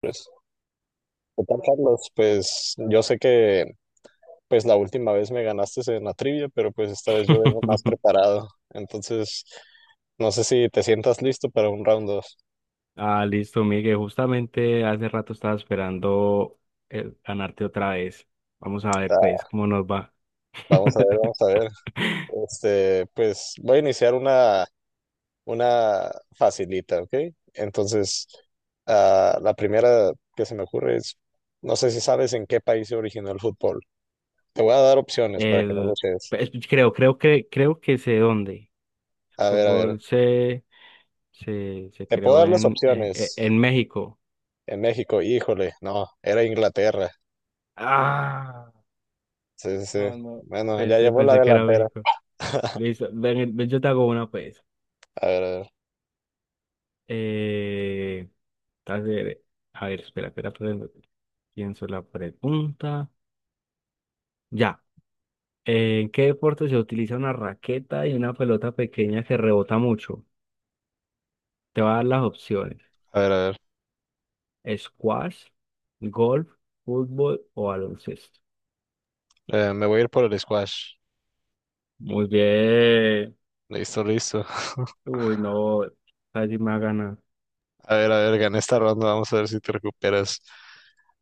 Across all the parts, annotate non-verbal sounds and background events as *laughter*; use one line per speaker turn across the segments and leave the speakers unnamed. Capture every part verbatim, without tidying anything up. Pues, ¿qué tal, Carlos? Pues yo sé que pues la última vez me ganaste en la trivia, pero pues esta vez yo vengo más
*laughs*
preparado. Entonces, no sé si te sientas listo para un round dos.
Ah, listo, Miguel. Justamente hace rato estaba esperando el ganarte otra vez. Vamos a ver, pues, cómo nos va.
Vamos a ver,
*laughs*
vamos a ver. Este, pues voy a iniciar una, una facilita, ¿ok? Entonces, ah, la primera que se me ocurre es, no sé si sabes en qué país se originó el fútbol. Te voy a dar opciones para que no lo
El,
cheques.
pues, creo, creo que, creo que sé dónde. El
A ver, a ver.
fútbol se, se, se
Te puedo
creó
dar las
en, en, e,
opciones.
en México.
En México, híjole, no, era Inglaterra.
Ah,
Sí, sí,
no,
sí.
no.
Bueno, ya
Pensé,
llevó la
pensé que era
delantera.
México.
*laughs*
Listo. Ven, ven, yo te hago una, pues.
A ver,
Eh, a ver, a ver, espera, espera, espera, pienso la pregunta. Ya. ¿En qué deporte se utiliza una raqueta y una pelota pequeña que rebota mucho? Te va a dar las opciones.
a ver, a ver, a
Squash, golf, fútbol o baloncesto.
ver. Eh, me voy a ir por el squash.
Muy bien.
Listo, listo. *laughs*
Uy, no. Casi me ha ganado.
A ver, a ver, gané esta ronda. Vamos a ver si te recuperas.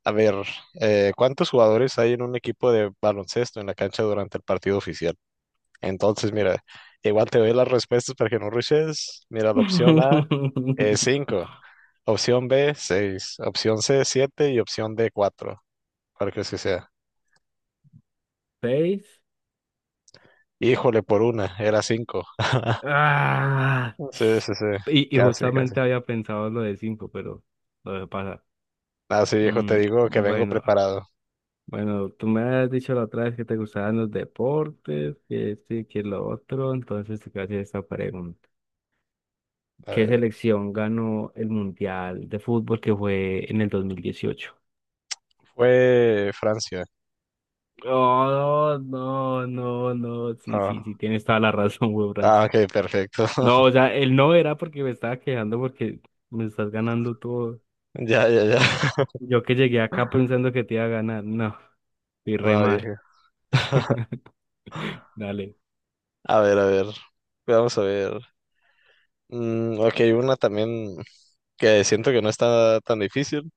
A ver, eh, ¿cuántos jugadores hay en un equipo de baloncesto en la cancha durante el partido oficial? Entonces, mira, igual te doy las respuestas para que no rushes. Mira, la opción A es
*laughs*
cinco, opción B seis, opción C siete y opción D cuatro, cualquier que sea.
Seis.
Híjole, por una, era cinco. *laughs*
Ah.
Sí, sí, sí,
Y, y
casi, casi.
justamente había pensado en lo de cinco, pero lo dejé pasar.
Ah, sí, hijo, te
Mm,
digo que vengo
bueno,
preparado.
bueno, tú me has dicho la otra vez que te gustaban los deportes, que esto y que lo otro, entonces te quiero hacer esta pregunta.
A
¿Qué
ver,
selección ganó el Mundial de Fútbol que fue en el dos mil dieciocho?
fue Francia.
Oh, no, no, no, sí, sí, sí,
Ah,
tienes toda la razón, *laughs* güey,
ah,
Franza.
ok, perfecto.
No, o
*laughs*
sea, él no era porque me estaba quejando porque me estás ganando todo.
Ya, ya, ya. *laughs*
Yo que llegué acá pensando que te iba a ganar, no, fui re
No,
mal.
viejo.
*laughs* Dale.
A ver, a ver. Vamos a ver. Mm, ok, una también que siento que no está tan difícil.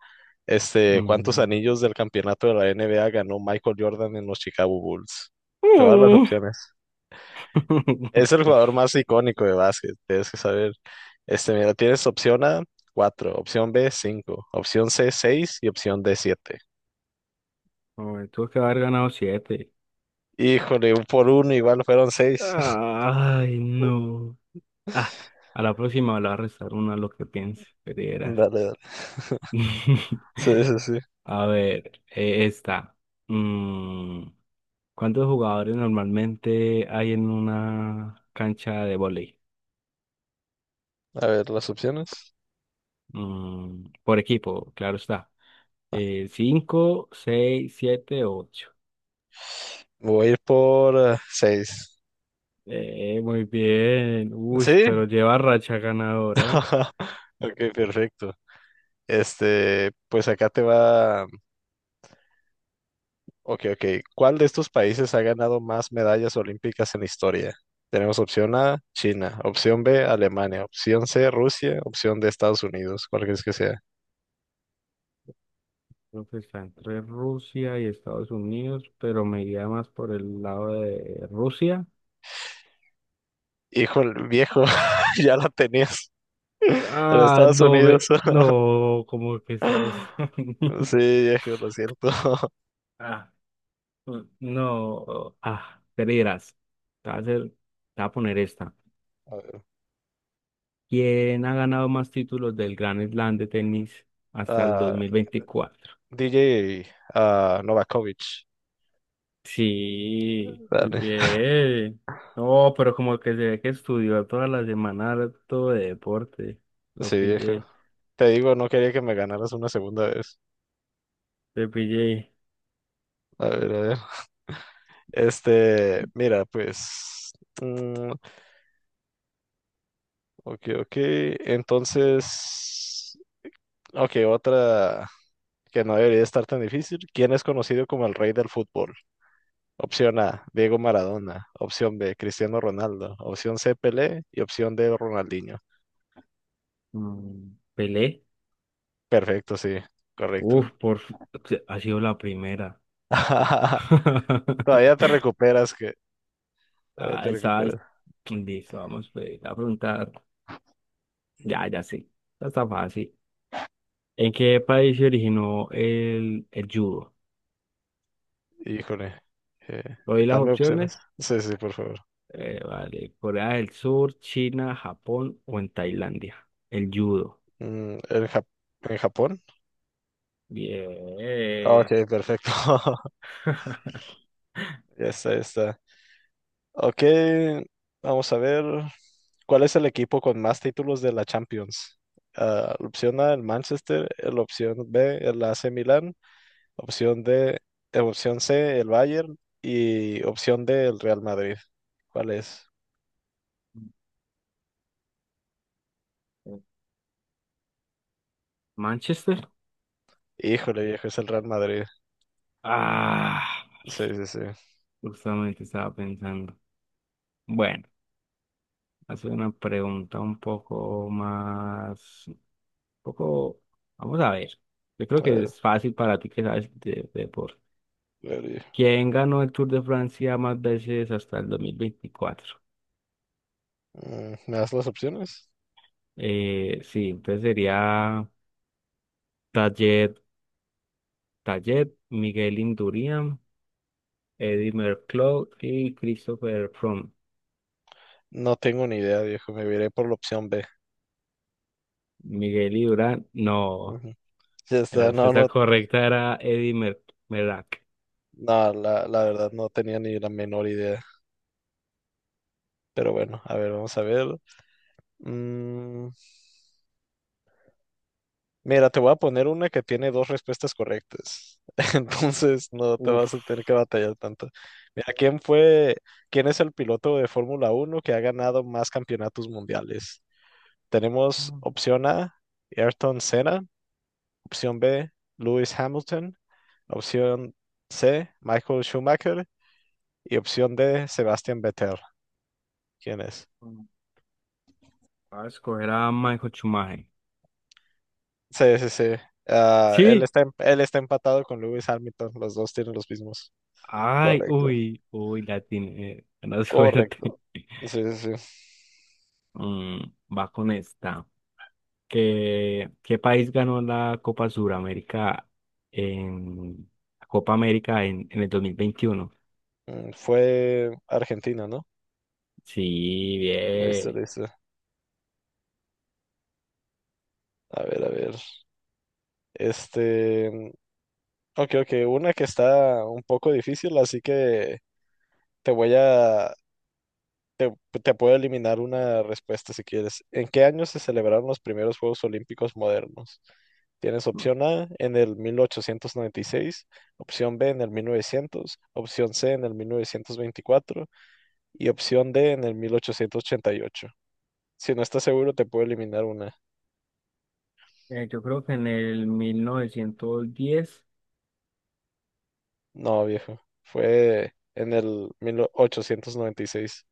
Este, ¿cuántos
Mm.
anillos del campeonato de la N B A ganó Michael Jordan en los Chicago Bulls? Te voy a dar las
Mm.
opciones. Es el
*laughs*
jugador más icónico de básquet, tienes que saber. Este, mira, tienes opción A, cuatro, opción B, cinco, opción C, seis y opción D, siete.
Hombre, tuvo que haber ganado siete.
Híjole, un por uno igual fueron seis. *laughs*
Ay, no. Ah, a la próxima le va a restar una a lo que piense, pero verás.
Dale, dale.
*laughs*
Sí, sí, sí.
A ver, eh, esta. Mm, ¿cuántos jugadores normalmente hay en una cancha de vóley?
A ver, las opciones.
Mm, por equipo, claro está. Eh, cinco, seis, siete, ocho.
Voy a ir por eh, seis.
Eh, muy bien. Uy,
¿Sí?
pero lleva racha ganadora.
*laughs* Ok, perfecto. Este, pues acá te va. Ok, ok. ¿Cuál de estos países ha ganado más medallas olímpicas en la historia? Tenemos opción A, China, opción B, Alemania, opción C, Rusia, opción D, Estados Unidos, cuál crees que sea.
Creo que está entre Rusia y Estados Unidos, pero me iría más por el lado de Rusia.
Híjole, viejo, *laughs* ya la tenías. *laughs* En
Ah,
Estados
no,
Unidos.
ve- no, como que Estados
*laughs*
Unidos.
Sí,
*laughs*
viejo, lo siento. *laughs*
Ah, mm, no, ah, Creerás. Te voy a hacer- te voy a poner esta.
A ver,
¿Quién ha ganado más títulos del Grand Slam de tenis hasta el dos
Ah,
mil veinticuatro?
D J ah, Novakovic.
Sí, muy
Dale.
bien. No, pero como que se ve que estudió toda la semana todo de deporte. Lo
Sí, viejo.
pillé.
Te digo, no quería que me ganaras una segunda vez.
De P J.
A ver, a ver. Este, mira, pues. Mm, ok, ok. Entonces, ok, otra que no debería estar tan difícil. ¿Quién es conocido como el rey del fútbol? Opción A, Diego Maradona. Opción B, Cristiano Ronaldo. Opción C, Pelé. Y opción D, Ronaldinho.
mm, Pelé.
Perfecto, sí, correcto.
Uf, por... f- Ha sido la primera.
*laughs* Todavía te
*laughs*
recuperas, que todavía
Ah,
te
esa
recuperas.
Listo, vamos pues, a preguntar. Ya, ya sé. Esta Está fácil. ¿En qué país se originó el, el judo?
Híjole, eh,
¿Doy las
dame
opciones?
opciones. Sí, sí, por favor.
Eh, vale. Corea del Sur, China, Japón o en Tailandia. El judo.
Mm, ¿en Jap- en Japón?
Bien.
Ok, perfecto. *laughs* Ya está, ya está. Ok, vamos a ver. ¿Cuál es el equipo con más títulos de la Champions? Ah, la opción A, el Manchester, la opción B, el A C Milan, opción D, eh, opción C, el Bayern y opción D, el Real Madrid. ¿Cuál es?
*laughs* Manchester.
Híjole, viejo, es el Real Madrid.
Ah,
Sí, sí, sí.
justamente estaba pensando. Bueno, hacer una pregunta un poco más, un poco, vamos a ver. Yo
A
creo que
ver, a
es fácil para ti que sabes de, de deporte.
ver, viejo.
¿Quién ganó el Tour de Francia más veces hasta el dos mil veinticuatro?
Mm, ¿me das las opciones?
Eh, sí, entonces sería Tayet, Tayet, Miguel Indurain, Eddy Merckx y Christopher Froome.
No tengo ni idea, viejo, me iré por la opción B.
Miguel Indurain, no.
Ujú. Ya
La
está, no,
respuesta
no,
correcta era Eddy Mer Merckx.
no, la, la verdad no tenía ni la menor idea. Pero bueno, a ver, vamos a ver. Mm, Mira, te voy a poner una que tiene dos respuestas correctas. *laughs* Entonces no te vas a tener que
Uf.
batallar tanto. Mira, ¿quién fue, quién es el piloto de Fórmula Uno que ha ganado más campeonatos mundiales? Tenemos opción A, Ayrton Senna, opción B, Lewis Hamilton, opción C, Michael Schumacher y opción D, Sebastian Vettel. ¿Quién es?
Va a escoger a Michael Schumacher.
Sí, sí, sí. Ah, él
Sí.
está, em- él está empatado con Lewis Hamilton. Los dos tienen los mismos.
Ay,
Correcto.
uy, uy, la tiene. eh, Buena suerte.
Correcto.
*laughs*
Sí, sí, sí.
Mm, va con esta. ¿Qué, qué país ganó la Copa Suramérica en la Copa América en, en el dos mil veintiuno?
Mm, Fue Argentina, ¿no?
Sí,
Listo,
bien.
listo. A ver, a ver. Este. Mm, ok, ok. Una que está un poco difícil, así que te voy a. Te, te puedo eliminar una respuesta si quieres. ¿En qué año se celebraron los primeros Juegos Olímpicos modernos? Tienes opción A en el mil ochocientos noventa y seis, opción B en el mil novecientos, opción C en el mil novecientos veinticuatro y opción D en el mil ochocientos ochenta y ocho. Si no estás seguro, te puedo eliminar una.
Eh, yo creo que en el mil novecientos diez.
No, viejo. Fue en el mil ochocientos noventa y seis.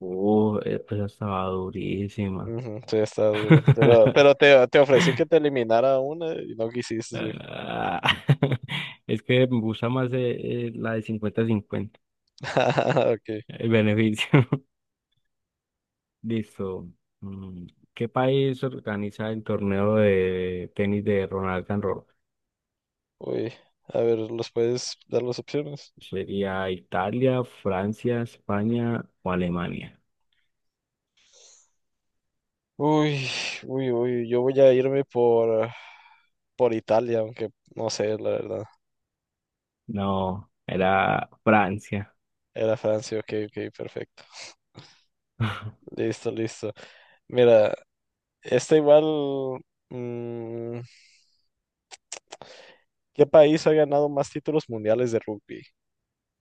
Uh, eh, pues estaba durísima.
Ujú, sí, está duro. Pero,
*laughs*
pero te, te ofrecí que te eliminara una y no quisiste, viejo.
Ah, *laughs* Es que me gusta más eh, eh, la de cincuenta cincuenta.
*laughs* Ok.
El beneficio. Listo. Mm, ¿qué país organiza el torneo de tenis de Ronald Garros?
Uy. A ver, ¿los puedes dar las opciones?
¿Sería Italia, Francia, España o Alemania?
Uy, uy, uy. Yo voy a irme por, ah, por Italia, aunque no sé, la verdad.
No, era Francia.
Era Francia, ok, ok, perfecto.
*laughs*
Listo, listo. Mira, esta igual. mm, ¿Qué país ha ganado más títulos mundiales de rugby?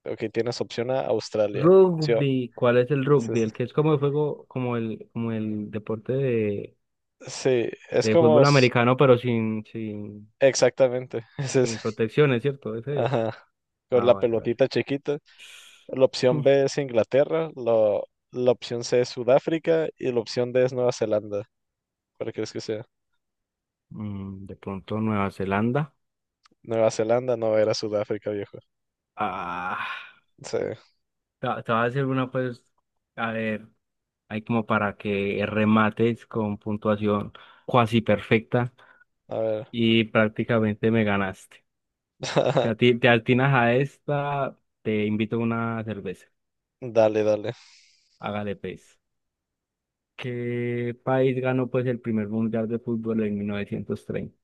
Ok, tienes opción A, Australia. Sí, o-
Rugby, ¿cuál es el
es-
rugby? El
es-
que es como el juego, como el, como el deporte de,
sí, es
de
como...
fútbol
s-
americano, pero sin, sin,
Exactamente. *laughs* Es
sin
ese.
protecciones, ¿cierto? Ese es.
Ajá. Con
Ah,
la
vale, vale.
pelotita chiquita. La opción
*laughs*
B
*sighs*
es Inglaterra. Lo- la opción C es Sudáfrica. Y la opción D es Nueva Zelanda. ¿Cuál crees que sea?
Mm, de pronto Nueva Zelanda.
Nueva Zelanda, no, era Sudáfrica, viejo.
Ah.
Sí.
Te te voy a hacer una, pues, a ver, hay como para que remates con puntuación cuasi perfecta
A ver.
y prácticamente me ganaste. Si a
*laughs*
ti te atinas a esta, te invito a una cerveza.
Dale, dale.
Hágale, pues. ¿Qué país ganó, pues, el primer mundial de fútbol en mil novecientos treinta?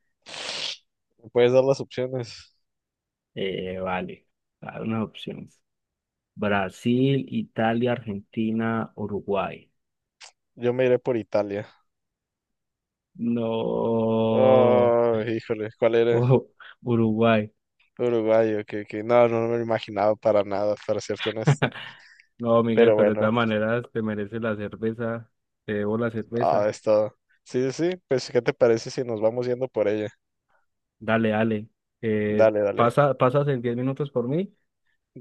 ¿Me puedes dar las opciones?
Eh, vale, Dar unas opciones. Brasil, Italia, Argentina, Uruguay.
Yo me iré por Italia.
No,
Oh, híjole. ¿Cuál era?
oh, Uruguay.
Uruguayo, que, que no, no me lo imaginaba para nada, para serte honesto.
*laughs* No, Miguel,
Pero
pero de
bueno,
todas maneras te mereces la cerveza, te debo la
ah,
cerveza.
es todo. Sí, sí, sí, pues ¿qué te parece si nos vamos yendo por ella?
Dale, dale. Eh,
Dale, dale.
pasa, pasas en diez minutos por mí,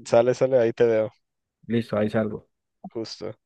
Sale, sale, ahí te veo,
listo, ahí salgo.
justo.